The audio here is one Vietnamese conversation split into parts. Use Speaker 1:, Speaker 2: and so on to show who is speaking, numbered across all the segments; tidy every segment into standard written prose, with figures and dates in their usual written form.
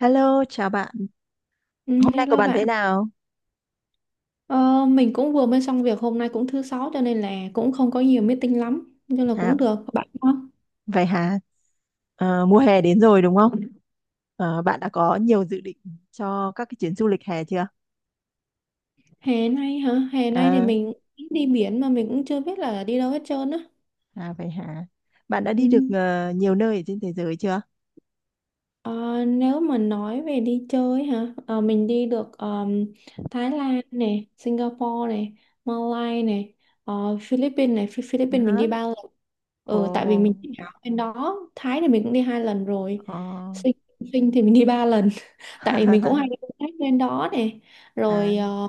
Speaker 1: Hello, chào bạn.
Speaker 2: Ừ,
Speaker 1: Hôm nay của
Speaker 2: hello
Speaker 1: bạn thế
Speaker 2: bạn,
Speaker 1: nào?
Speaker 2: ờ, mình cũng vừa mới xong việc, hôm nay cũng thứ sáu cho nên là cũng không có nhiều meeting lắm, nhưng là cũng
Speaker 1: Hả?
Speaker 2: được bạn không?
Speaker 1: Vậy hả? Mùa hè đến rồi đúng không? Bạn đã có nhiều dự định cho các cái chuyến du lịch hè chưa?
Speaker 2: Hè nay hả? Hè nay thì
Speaker 1: À,
Speaker 2: mình đi biển mà mình cũng chưa biết là đi đâu hết trơn á.
Speaker 1: à vậy hả? Bạn đã
Speaker 2: Ừ.
Speaker 1: đi được nhiều nơi ở trên thế giới chưa?
Speaker 2: Ờ, nếu mà nói về đi chơi hả? Ờ, mình đi được Thái Lan này, Singapore này, Malaysia này, ờ, Philippines này. Philippines mình
Speaker 1: Hả?
Speaker 2: đi ba lần. Ừ, tại vì mình
Speaker 1: Ồ,
Speaker 2: chỉ ở bên đó. Thái thì mình cũng đi hai lần rồi.
Speaker 1: ồ.
Speaker 2: Sinh, Sinh thì mình đi ba lần. Tại mình cũng hay đi công tác lên đó này
Speaker 1: À,
Speaker 2: rồi,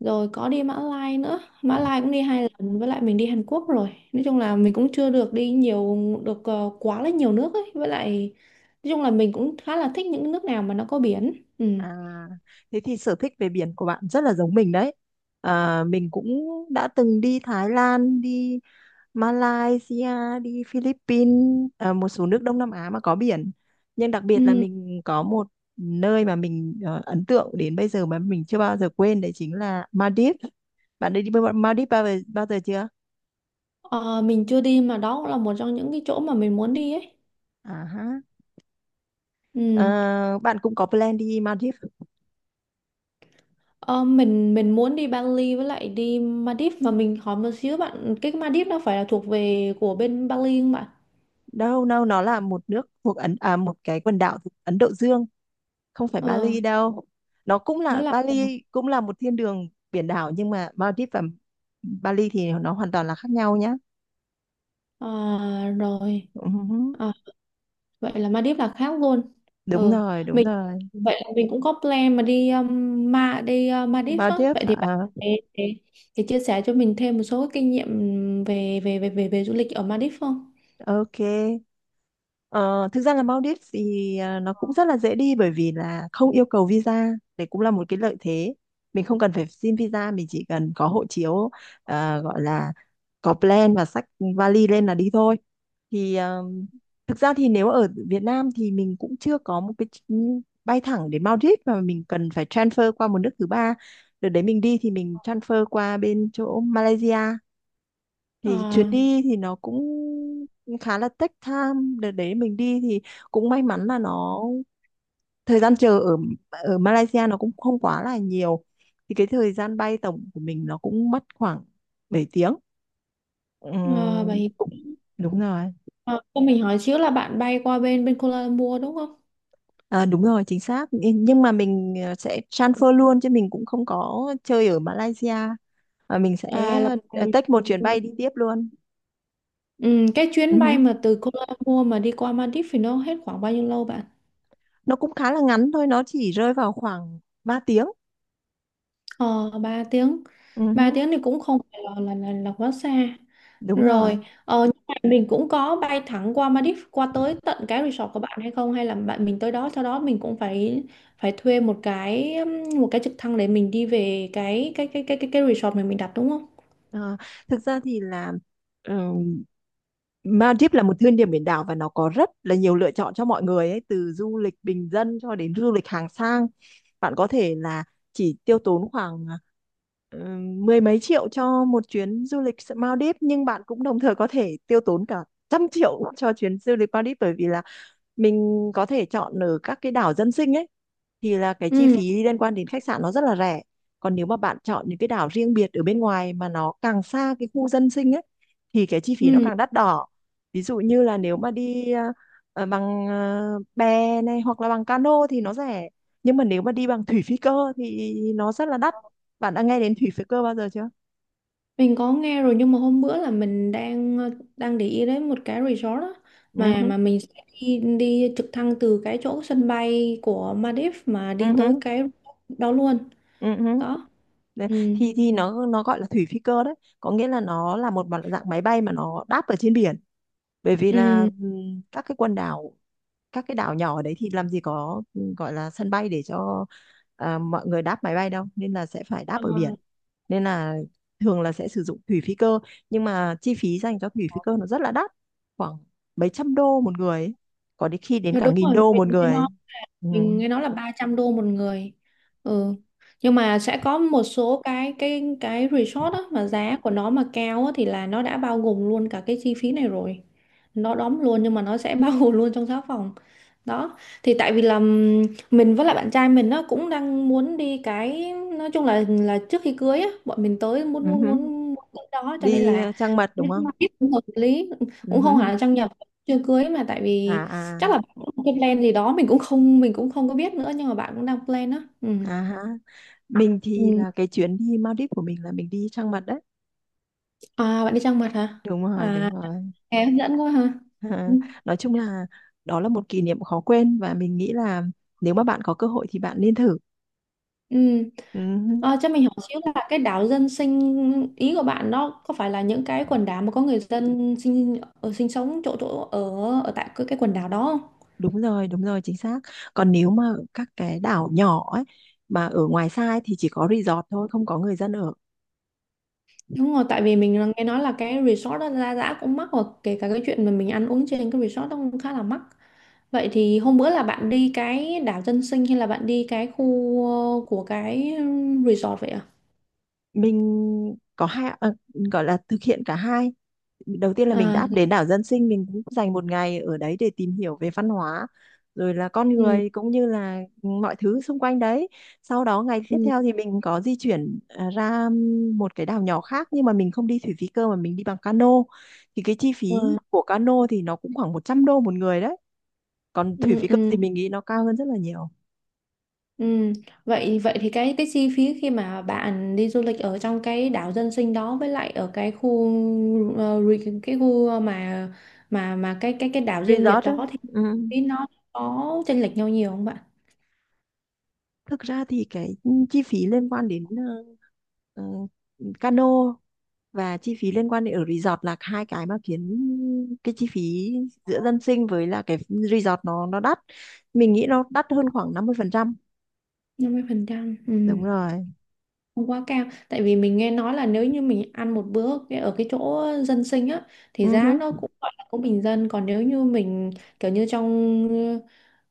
Speaker 2: rồi có đi Mã Lai nữa, Mã Lai cũng đi hai lần, với lại mình đi Hàn Quốc. Rồi nói chung là mình cũng chưa được đi nhiều, được quá là nhiều nước ấy. Với lại nói chung là mình cũng khá là thích những nước nào mà nó có biển, ừ.
Speaker 1: À, thế thì sở thích về biển của bạn rất là giống mình đấy. À, mình cũng đã từng đi Thái Lan, đi Malaysia, đi Philippines, à, một số nước Đông Nam Á mà có biển. Nhưng đặc biệt là
Speaker 2: Ừ.
Speaker 1: mình có một nơi mà mình ấn tượng đến bây giờ mà mình chưa bao giờ quên đấy chính là Maldives. Bạn đã đi Maldives bao giờ chưa?
Speaker 2: Ờ, mình chưa đi, mà đó cũng là một trong những cái chỗ mà mình muốn đi ấy,
Speaker 1: À, ha.
Speaker 2: ừ.
Speaker 1: Ờ, Bạn cũng có plan đi Maldives.
Speaker 2: Ờ, mình muốn đi Bali với lại đi Maldives. Mà mình hỏi một xíu bạn, cái Maldives nó phải là thuộc về của bên Bali không bạn?
Speaker 1: Đâu đâu, nó là một nước thuộc Ấn, à, một cái quần đảo thuộc Ấn Độ Dương, không phải
Speaker 2: Ờ,
Speaker 1: Bali đâu. Nó cũng
Speaker 2: nó
Speaker 1: là
Speaker 2: là.
Speaker 1: Bali cũng là một thiên đường biển đảo nhưng mà Maldives và Bali thì nó hoàn toàn là khác nhau nhá.
Speaker 2: Ờ, rồi.
Speaker 1: Ừ,
Speaker 2: Ờ, vậy là Maldives là khác luôn.
Speaker 1: đúng
Speaker 2: Ừ,
Speaker 1: rồi, đúng
Speaker 2: mình,
Speaker 1: rồi.
Speaker 2: vậy là mình cũng có plan mà đi ma đi Maldives á.
Speaker 1: Maldives
Speaker 2: Vậy thì bạn
Speaker 1: à,
Speaker 2: để, để, để chia sẻ cho mình thêm một số kinh nghiệm về về về về, về du lịch ở Maldives không?
Speaker 1: ok. Ờ, Thực ra là Maldives thì nó cũng rất là dễ đi bởi vì là không yêu cầu visa, đấy cũng là một cái lợi thế. Mình không cần phải xin visa, mình chỉ cần có hộ chiếu, gọi là có plan và xách vali lên là đi thôi. thì à, Thực ra thì nếu ở Việt Nam thì mình cũng chưa có một cái bay thẳng đến Maldives mà mình cần phải transfer qua một nước thứ ba. Đợt đấy mình đi thì mình transfer qua bên chỗ Malaysia. Thì chuyến
Speaker 2: À,
Speaker 1: đi thì nó cũng khá là take time. Đợt đấy mình đi thì cũng may mắn là nó thời gian chờ ở ở Malaysia nó cũng không quá là nhiều. Thì cái thời gian bay tổng của mình nó cũng mất khoảng 7 tiếng.
Speaker 2: à, vậy
Speaker 1: Cũng đúng rồi.
Speaker 2: à, cho mình hỏi xíu là bạn bay qua bên bên Kuala Lumpur đúng không?
Speaker 1: À, đúng rồi, chính xác. Nhưng mà mình sẽ transfer luôn chứ mình cũng không có chơi ở Malaysia. Và mình sẽ
Speaker 2: À là,
Speaker 1: take một chuyến bay đi tiếp luôn.
Speaker 2: ừ, cái
Speaker 1: Ừ
Speaker 2: chuyến
Speaker 1: hứ.
Speaker 2: bay mà từ Kuala Lumpur mà đi qua Maldives thì nó hết khoảng bao nhiêu lâu bạn?
Speaker 1: Nó cũng khá là ngắn thôi, nó chỉ rơi vào khoảng 3 tiếng.
Speaker 2: Ờ, 3 tiếng.
Speaker 1: Ừ
Speaker 2: Ba
Speaker 1: hứ,
Speaker 2: tiếng thì cũng không phải là, quá xa.
Speaker 1: đúng
Speaker 2: Rồi,
Speaker 1: rồi.
Speaker 2: ờ, nhưng mà mình cũng có bay thẳng qua Maldives qua tới tận cái resort của bạn hay không, hay là bạn mình tới đó sau đó mình cũng phải, phải thuê một cái trực thăng để mình đi về cái resort mà mình đặt đúng không?
Speaker 1: Ờ, Thực ra thì là ừm, Maldives là một thiên đường biển đảo và nó có rất là nhiều lựa chọn cho mọi người ấy, từ du lịch bình dân cho đến du lịch hàng sang. Bạn có thể là chỉ tiêu tốn khoảng mười mấy triệu cho một chuyến du lịch Maldives nhưng bạn cũng đồng thời có thể tiêu tốn cả trăm triệu cho chuyến du lịch Maldives bởi vì là mình có thể chọn ở các cái đảo dân sinh ấy, thì là cái chi
Speaker 2: Ừ,
Speaker 1: phí liên quan đến khách sạn nó rất là rẻ. Còn nếu mà bạn chọn những cái đảo riêng biệt ở bên ngoài mà nó càng xa cái khu dân sinh ấy thì cái chi phí nó
Speaker 2: ừ.
Speaker 1: càng đắt đỏ. Ví dụ như là nếu mà đi bằng bè này hoặc là bằng cano thì nó rẻ, nhưng mà nếu mà đi bằng thủy phi cơ thì nó rất là đắt. Bạn đã nghe đến thủy phi cơ bao giờ chưa?
Speaker 2: Mình có nghe rồi, nhưng mà hôm bữa là mình đang ờ, đang để ý đến một cái resort á,
Speaker 1: Ừ hứ,
Speaker 2: mà mình sẽ đi, đi trực thăng từ cái chỗ sân bay của Maldives mà đi
Speaker 1: ừ
Speaker 2: tới
Speaker 1: hứ,
Speaker 2: cái đó luôn.
Speaker 1: ừ hứ.
Speaker 2: Đó.
Speaker 1: Đấy,
Speaker 2: Ừ.
Speaker 1: thì nó gọi là thủy phi cơ đấy, có nghĩa là nó là một dạng máy bay mà nó đáp ở trên biển. Bởi vì là
Speaker 2: Ừ.
Speaker 1: các cái quần đảo, các cái đảo nhỏ ở đấy thì làm gì có gọi là sân bay để cho mọi người đáp máy bay đâu nên là sẽ phải đáp ở biển, nên là thường là sẽ sử dụng thủy phi cơ. Nhưng mà chi phí dành cho thủy phi cơ nó rất là đắt, khoảng mấy trăm đô một người ấy, có đến khi đến
Speaker 2: Ờ,
Speaker 1: cả
Speaker 2: đúng
Speaker 1: nghìn
Speaker 2: rồi.
Speaker 1: đô một người
Speaker 2: Mình-
Speaker 1: ấy. Ừ.
Speaker 2: mình nghe nói là 300 đô một người, ừ. Nhưng mà sẽ có một số cái resort á mà giá của nó mà cao á, thì là nó đã bao gồm luôn cả cái chi phí này rồi, nó đóng luôn, nhưng mà nó sẽ bao gồm luôn trong giá phòng. Đó thì tại vì là mình với lại bạn trai mình nó cũng đang muốn đi cái, nói chung là trước khi cưới á, bọn mình tới muốn muốn
Speaker 1: Ừ.
Speaker 2: muốn muốn tới đó cho nên
Speaker 1: Đi
Speaker 2: là
Speaker 1: trăng mật đúng
Speaker 2: nên
Speaker 1: không?
Speaker 2: mà biết cũng hợp lý. Cũng không hẳn
Speaker 1: Ừ.
Speaker 2: là trang nhập, chưa cưới mà, tại
Speaker 1: À,
Speaker 2: vì
Speaker 1: à,
Speaker 2: chắc là cái plan gì đó, mình cũng không có biết nữa, nhưng mà bạn cũng đang plan á, ừ.
Speaker 1: à ha. Mình thì
Speaker 2: Ừ.
Speaker 1: là cái chuyến đi Maldives của mình là mình đi trăng mật đấy,
Speaker 2: À, bạn đi trang mật hả?
Speaker 1: đúng rồi,
Speaker 2: À,
Speaker 1: đúng rồi.
Speaker 2: nghe hấp dẫn quá hả, ừ.
Speaker 1: Nói chung là đó là một kỷ niệm khó quên và mình nghĩ là nếu mà bạn có cơ hội thì bạn nên thử.
Speaker 2: Ừ.
Speaker 1: Ừ,
Speaker 2: À, cho mình hỏi xíu là cái đảo dân sinh ý của bạn đó có phải là những cái quần đảo mà có người dân sinh ở, sinh sống, chỗ chỗ ở ở tại cái quần đảo đó?
Speaker 1: đúng rồi, đúng rồi, chính xác. Còn nếu mà các cái đảo nhỏ ấy mà ở ngoài xa ấy, thì chỉ có resort thôi không có người dân ở.
Speaker 2: Đúng rồi, tại vì mình là nghe nói là cái resort đó giá, giá cũng mắc, và kể cả cái chuyện mà mình ăn uống trên cái resort đó cũng khá là mắc. Vậy thì hôm bữa là bạn đi cái đảo dân sinh hay là bạn đi cái khu ờ, của cái resort vậy à?
Speaker 1: Mình có hai gọi là thực hiện cả hai. Đầu tiên là mình
Speaker 2: À,
Speaker 1: đã đến đảo dân sinh, mình cũng dành một ngày ở đấy để tìm hiểu về văn hóa rồi là con
Speaker 2: ừ,
Speaker 1: người cũng như là mọi thứ xung quanh đấy. Sau đó ngày tiếp
Speaker 2: ừ,
Speaker 1: theo thì mình có di chuyển ra một cái đảo nhỏ khác nhưng mà mình không đi thủy phí cơ mà mình đi bằng cano. Thì cái chi phí
Speaker 2: ừ,
Speaker 1: của cano thì nó cũng khoảng 100 đô một người đấy, còn thủy
Speaker 2: ừ,
Speaker 1: phí cơ
Speaker 2: ừ.
Speaker 1: thì mình nghĩ nó cao hơn rất là nhiều.
Speaker 2: Ừ. Vậy vậy thì cái chi phí khi mà bạn đi du lịch ở trong cái đảo dân sinh đó với lại ở cái khu cái khu mà cái đảo riêng biệt
Speaker 1: Resort á.
Speaker 2: đó thì
Speaker 1: Ừ.
Speaker 2: nó có chênh lệch nhau nhiều không bạn?
Speaker 1: Thực ra thì cái chi phí liên quan đến ờ, cano và chi phí liên quan đến ở resort là hai cái mà khiến cái chi phí giữa dân sinh với là cái resort nó đắt. Mình nghĩ nó đắt hơn khoảng 50%,
Speaker 2: 50%, ừ.
Speaker 1: đúng rồi.
Speaker 2: Không quá cao, tại vì mình nghe nói là nếu như mình ăn một bữa ở cái chỗ dân sinh á
Speaker 1: Ừ
Speaker 2: thì giá nó
Speaker 1: hứ.
Speaker 2: cũng gọi là cũng bình dân. Còn nếu như mình kiểu như trong ờ,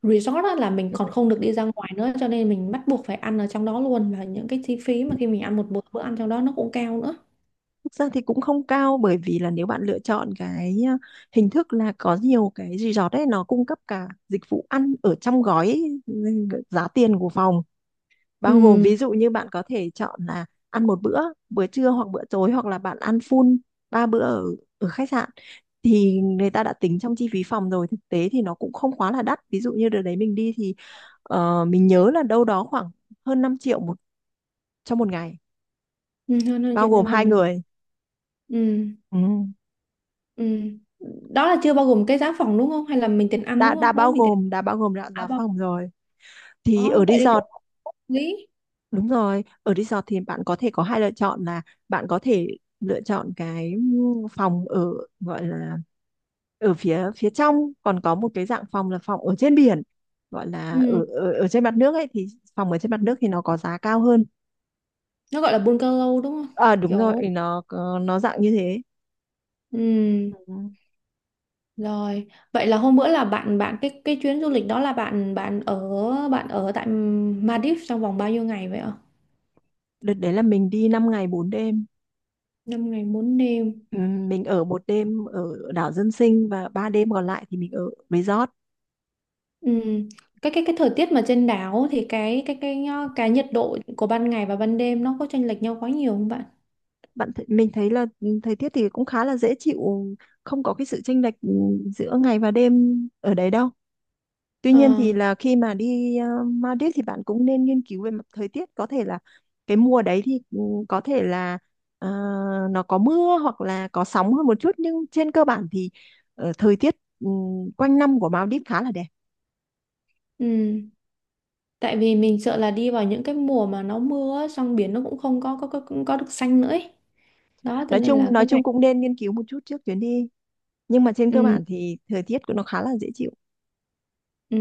Speaker 2: resort á là mình
Speaker 1: Ừ.
Speaker 2: còn không được đi ra ngoài nữa, cho nên mình bắt buộc phải ăn ở trong đó luôn, và những cái chi phí mà khi mình ăn một bữa, bữa ăn trong đó nó cũng cao nữa.
Speaker 1: Thực ra thì cũng không cao bởi vì là nếu bạn lựa chọn cái hình thức là có nhiều cái resort ấy nó cung cấp cả dịch vụ ăn ở trong gói, giá tiền của phòng bao gồm,
Speaker 2: Ừ,
Speaker 1: ví dụ như bạn có thể chọn là ăn một bữa, bữa trưa hoặc bữa tối hoặc là bạn ăn full ba bữa ở ở khách sạn thì người ta đã tính trong chi phí phòng rồi. Thực tế thì nó cũng không quá là đắt, ví dụ như đợt đấy mình đi thì mình nhớ là đâu đó khoảng hơn 5 triệu trong một ngày
Speaker 2: ừ, hơn hơn
Speaker 1: bao
Speaker 2: chuyện cho
Speaker 1: gồm
Speaker 2: mình
Speaker 1: hai
Speaker 2: ngày.
Speaker 1: người.
Speaker 2: Ừ.
Speaker 1: Ừ.
Speaker 2: Ừ, đó là chưa bao gồm cái giá phòng đúng không, hay là mình tiền ăn
Speaker 1: đã
Speaker 2: đúng
Speaker 1: đã
Speaker 2: không, đó
Speaker 1: bao
Speaker 2: mình tiền.
Speaker 1: gồm đã bao gồm đã
Speaker 2: À,
Speaker 1: giá
Speaker 2: bao.
Speaker 1: phòng rồi thì
Speaker 2: Đó
Speaker 1: ở
Speaker 2: vậy thì cũng
Speaker 1: resort.
Speaker 2: hợp lý.
Speaker 1: Đúng rồi, ở resort thì bạn có thể có hai lựa chọn là bạn có thể lựa chọn cái phòng ở, gọi là ở phía phía trong, còn có một cái dạng phòng là phòng ở trên biển gọi là
Speaker 2: Ừ,
Speaker 1: ở ở trên mặt nước ấy thì phòng ở trên mặt nước thì nó có giá cao hơn.
Speaker 2: nó gọi là bungalow đúng không?
Speaker 1: À đúng rồi,
Speaker 2: Kiểu,
Speaker 1: nó dạng như thế.
Speaker 2: ừm,
Speaker 1: Ừ.
Speaker 2: rồi. Vậy là hôm bữa là bạn, bạn, cái chuyến du lịch đó là bạn bạn ở, bạn ở tại Maldives trong vòng bao nhiêu ngày vậy ạ?
Speaker 1: Đợt đấy là mình đi 5 ngày 4 đêm,
Speaker 2: Năm ngày 4 đêm.
Speaker 1: ừ, mình ở một đêm ở đảo dân sinh và 3 đêm còn lại thì mình ở resort.
Speaker 2: Ừm, cái thời tiết mà trên đảo thì cái nhiệt độ của ban ngày và ban đêm nó có chênh lệch nhau quá nhiều không bạn?
Speaker 1: Bạn th Mình thấy là thời tiết thì cũng khá là dễ chịu, không có cái sự chênh lệch giữa ngày và đêm ở đấy đâu. Tuy
Speaker 2: Ờ,
Speaker 1: nhiên thì là khi mà đi Maldives thì bạn cũng nên nghiên cứu về mặt thời tiết, có thể là cái mùa đấy thì có thể là ờ, nó có mưa hoặc là có sóng hơn một chút nhưng trên cơ bản thì thời tiết ừ, quanh năm của Maldives khá là đẹp.
Speaker 2: ừm. Tại vì mình sợ là đi vào những cái mùa mà nó mưa á, xong biển nó cũng không có có, có có được xanh nữa ấy. Đó cho
Speaker 1: Nói
Speaker 2: nên
Speaker 1: chung
Speaker 2: là
Speaker 1: nói
Speaker 2: cái này,
Speaker 1: chung cũng nên nghiên cứu một chút trước chuyến đi nhưng mà trên cơ
Speaker 2: ừ,
Speaker 1: bản thì thời tiết của nó khá là dễ chịu.
Speaker 2: ừ.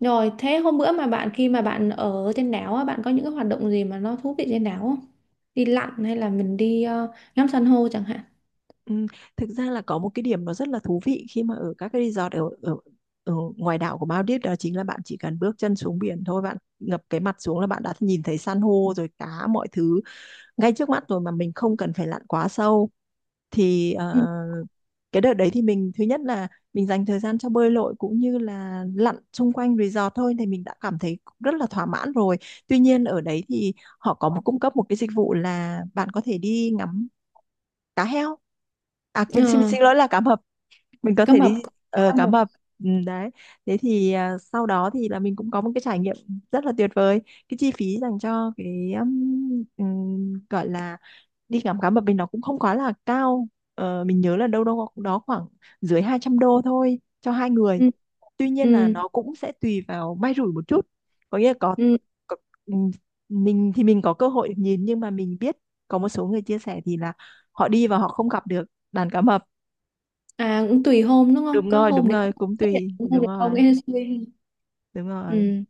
Speaker 2: Rồi, thế hôm bữa mà bạn, khi mà bạn ở trên đảo á, bạn có những cái hoạt động gì mà nó thú vị trên đảo không? Đi lặn hay là mình đi ờ, ngắm san hô chẳng hạn?
Speaker 1: Ừ, thực ra là có một cái điểm nó rất là thú vị khi mà ở các cái resort ở ngoài đảo của Maldives, đó chính là bạn chỉ cần bước chân xuống biển thôi, bạn ngập cái mặt xuống là bạn đã nhìn thấy san hô rồi cá mọi thứ ngay trước mắt rồi mà mình không cần phải lặn quá sâu. Thì
Speaker 2: Ừ.
Speaker 1: cái đợt đấy thì mình thứ nhất là mình dành thời gian cho bơi lội cũng như là lặn xung quanh resort thôi thì mình đã cảm thấy rất là thỏa mãn rồi. Tuy nhiên ở đấy thì họ có một cung cấp một cái dịch vụ là bạn có thể đi ngắm cá heo, à quên xin
Speaker 2: Ờ,
Speaker 1: xin lỗi là cá mập. Mình có
Speaker 2: cá
Speaker 1: thể
Speaker 2: mập.
Speaker 1: đi
Speaker 2: Chỗ cá
Speaker 1: cá
Speaker 2: mập.
Speaker 1: mập, ừ, đấy. Thế thì sau đó thì là mình cũng có một cái trải nghiệm rất là tuyệt vời. Cái chi phí dành cho cái gọi là đi ngắm cá mập mình nó cũng không quá là cao. Mình nhớ là đâu đâu đó khoảng dưới 200 đô thôi cho hai người,
Speaker 2: Ừ,
Speaker 1: tuy nhiên là
Speaker 2: ừ,
Speaker 1: nó cũng sẽ tùy vào may rủi một chút, có nghĩa là
Speaker 2: ừ.
Speaker 1: có ừm, mình thì mình có cơ hội được nhìn nhưng mà mình biết có một số người chia sẻ thì là họ đi và họ không gặp được đàn cá mập.
Speaker 2: À, cũng tùy hôm đúng không?
Speaker 1: Đúng
Speaker 2: Có
Speaker 1: rồi, đúng
Speaker 2: hôm thì có
Speaker 1: rồi, cũng
Speaker 2: xuất hiện,
Speaker 1: tùy,
Speaker 2: có hôm
Speaker 1: đúng
Speaker 2: thì
Speaker 1: rồi,
Speaker 2: không. Ê, suy.
Speaker 1: đúng rồi.
Speaker 2: Ừ.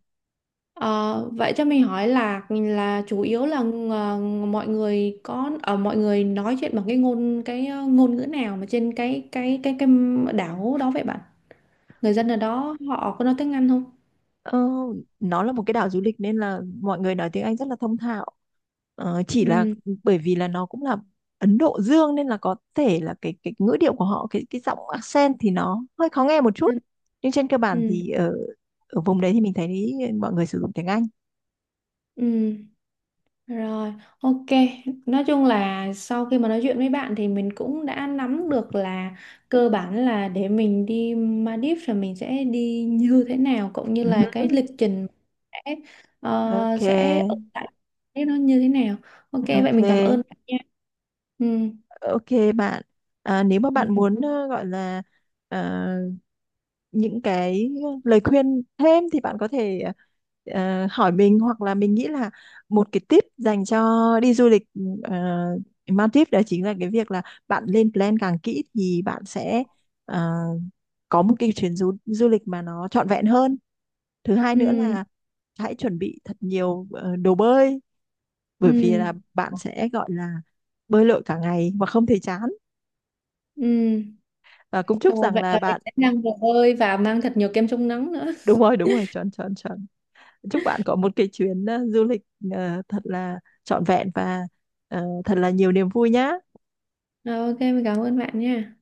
Speaker 2: Ờ, vậy cho mình hỏi là chủ yếu là ờ, mọi người có ở, mọi người nói chuyện bằng cái ngôn, cái ờ, ngôn ngữ nào mà trên cái đảo đó vậy bạn? Người dân ở đó họ có nói tiếng Anh không?
Speaker 1: Ờ, nó là một cái đảo du lịch nên là mọi người nói tiếng Anh rất là thông thạo. Chỉ là
Speaker 2: Ừ,
Speaker 1: bởi vì là nó cũng là Ấn Độ Dương nên là có thể là cái ngữ điệu của họ, cái giọng accent thì nó hơi khó nghe một chút.
Speaker 2: ừ,
Speaker 1: Nhưng trên cơ
Speaker 2: ừ,
Speaker 1: bản thì ở ở vùng đấy thì mình thấy mọi người sử dụng tiếng Anh.
Speaker 2: ừ. Rồi, ok, nói chung là sau khi mà nói chuyện với bạn thì mình cũng đã nắm được là cơ bản là để mình đi Maldives là mình sẽ đi như thế nào, cũng như
Speaker 1: Ừ,
Speaker 2: là cái lịch trình sẽ ờ,
Speaker 1: ok,
Speaker 2: sẽ ở tại cái nó như thế nào. Ok, vậy mình cảm ơn
Speaker 1: ok.
Speaker 2: bạn nha. Ừ,
Speaker 1: Ok bạn, nếu mà bạn
Speaker 2: mình cảm-
Speaker 1: muốn gọi là ờ, những cái lời khuyên thêm thì bạn có thể hỏi mình hoặc là mình nghĩ là một cái tip dành cho đi du lịch ờ, Maldives đó chính là cái việc là bạn lên plan càng kỹ thì bạn sẽ ờ, có một cái chuyến du lịch mà nó trọn vẹn hơn. Thứ hai nữa
Speaker 2: ừ,
Speaker 1: là hãy chuẩn bị thật nhiều đồ bơi bởi vì là
Speaker 2: ừ,
Speaker 1: bạn sẽ gọi là bơi lội cả ngày mà không thấy chán.
Speaker 2: ừ,
Speaker 1: Và cũng chúc
Speaker 2: rồi,
Speaker 1: rằng
Speaker 2: vậy
Speaker 1: là
Speaker 2: là mình
Speaker 1: bạn
Speaker 2: sẽ mang đồ bơi và mang thật nhiều kem chống nắng nữa.
Speaker 1: đúng rồi, chuẩn chuẩn chuẩn. Chúc bạn có một cái chuyến du lịch thật là trọn vẹn và thật là nhiều niềm vui nhá.
Speaker 2: Rồi, ok, mình cảm ơn bạn nha.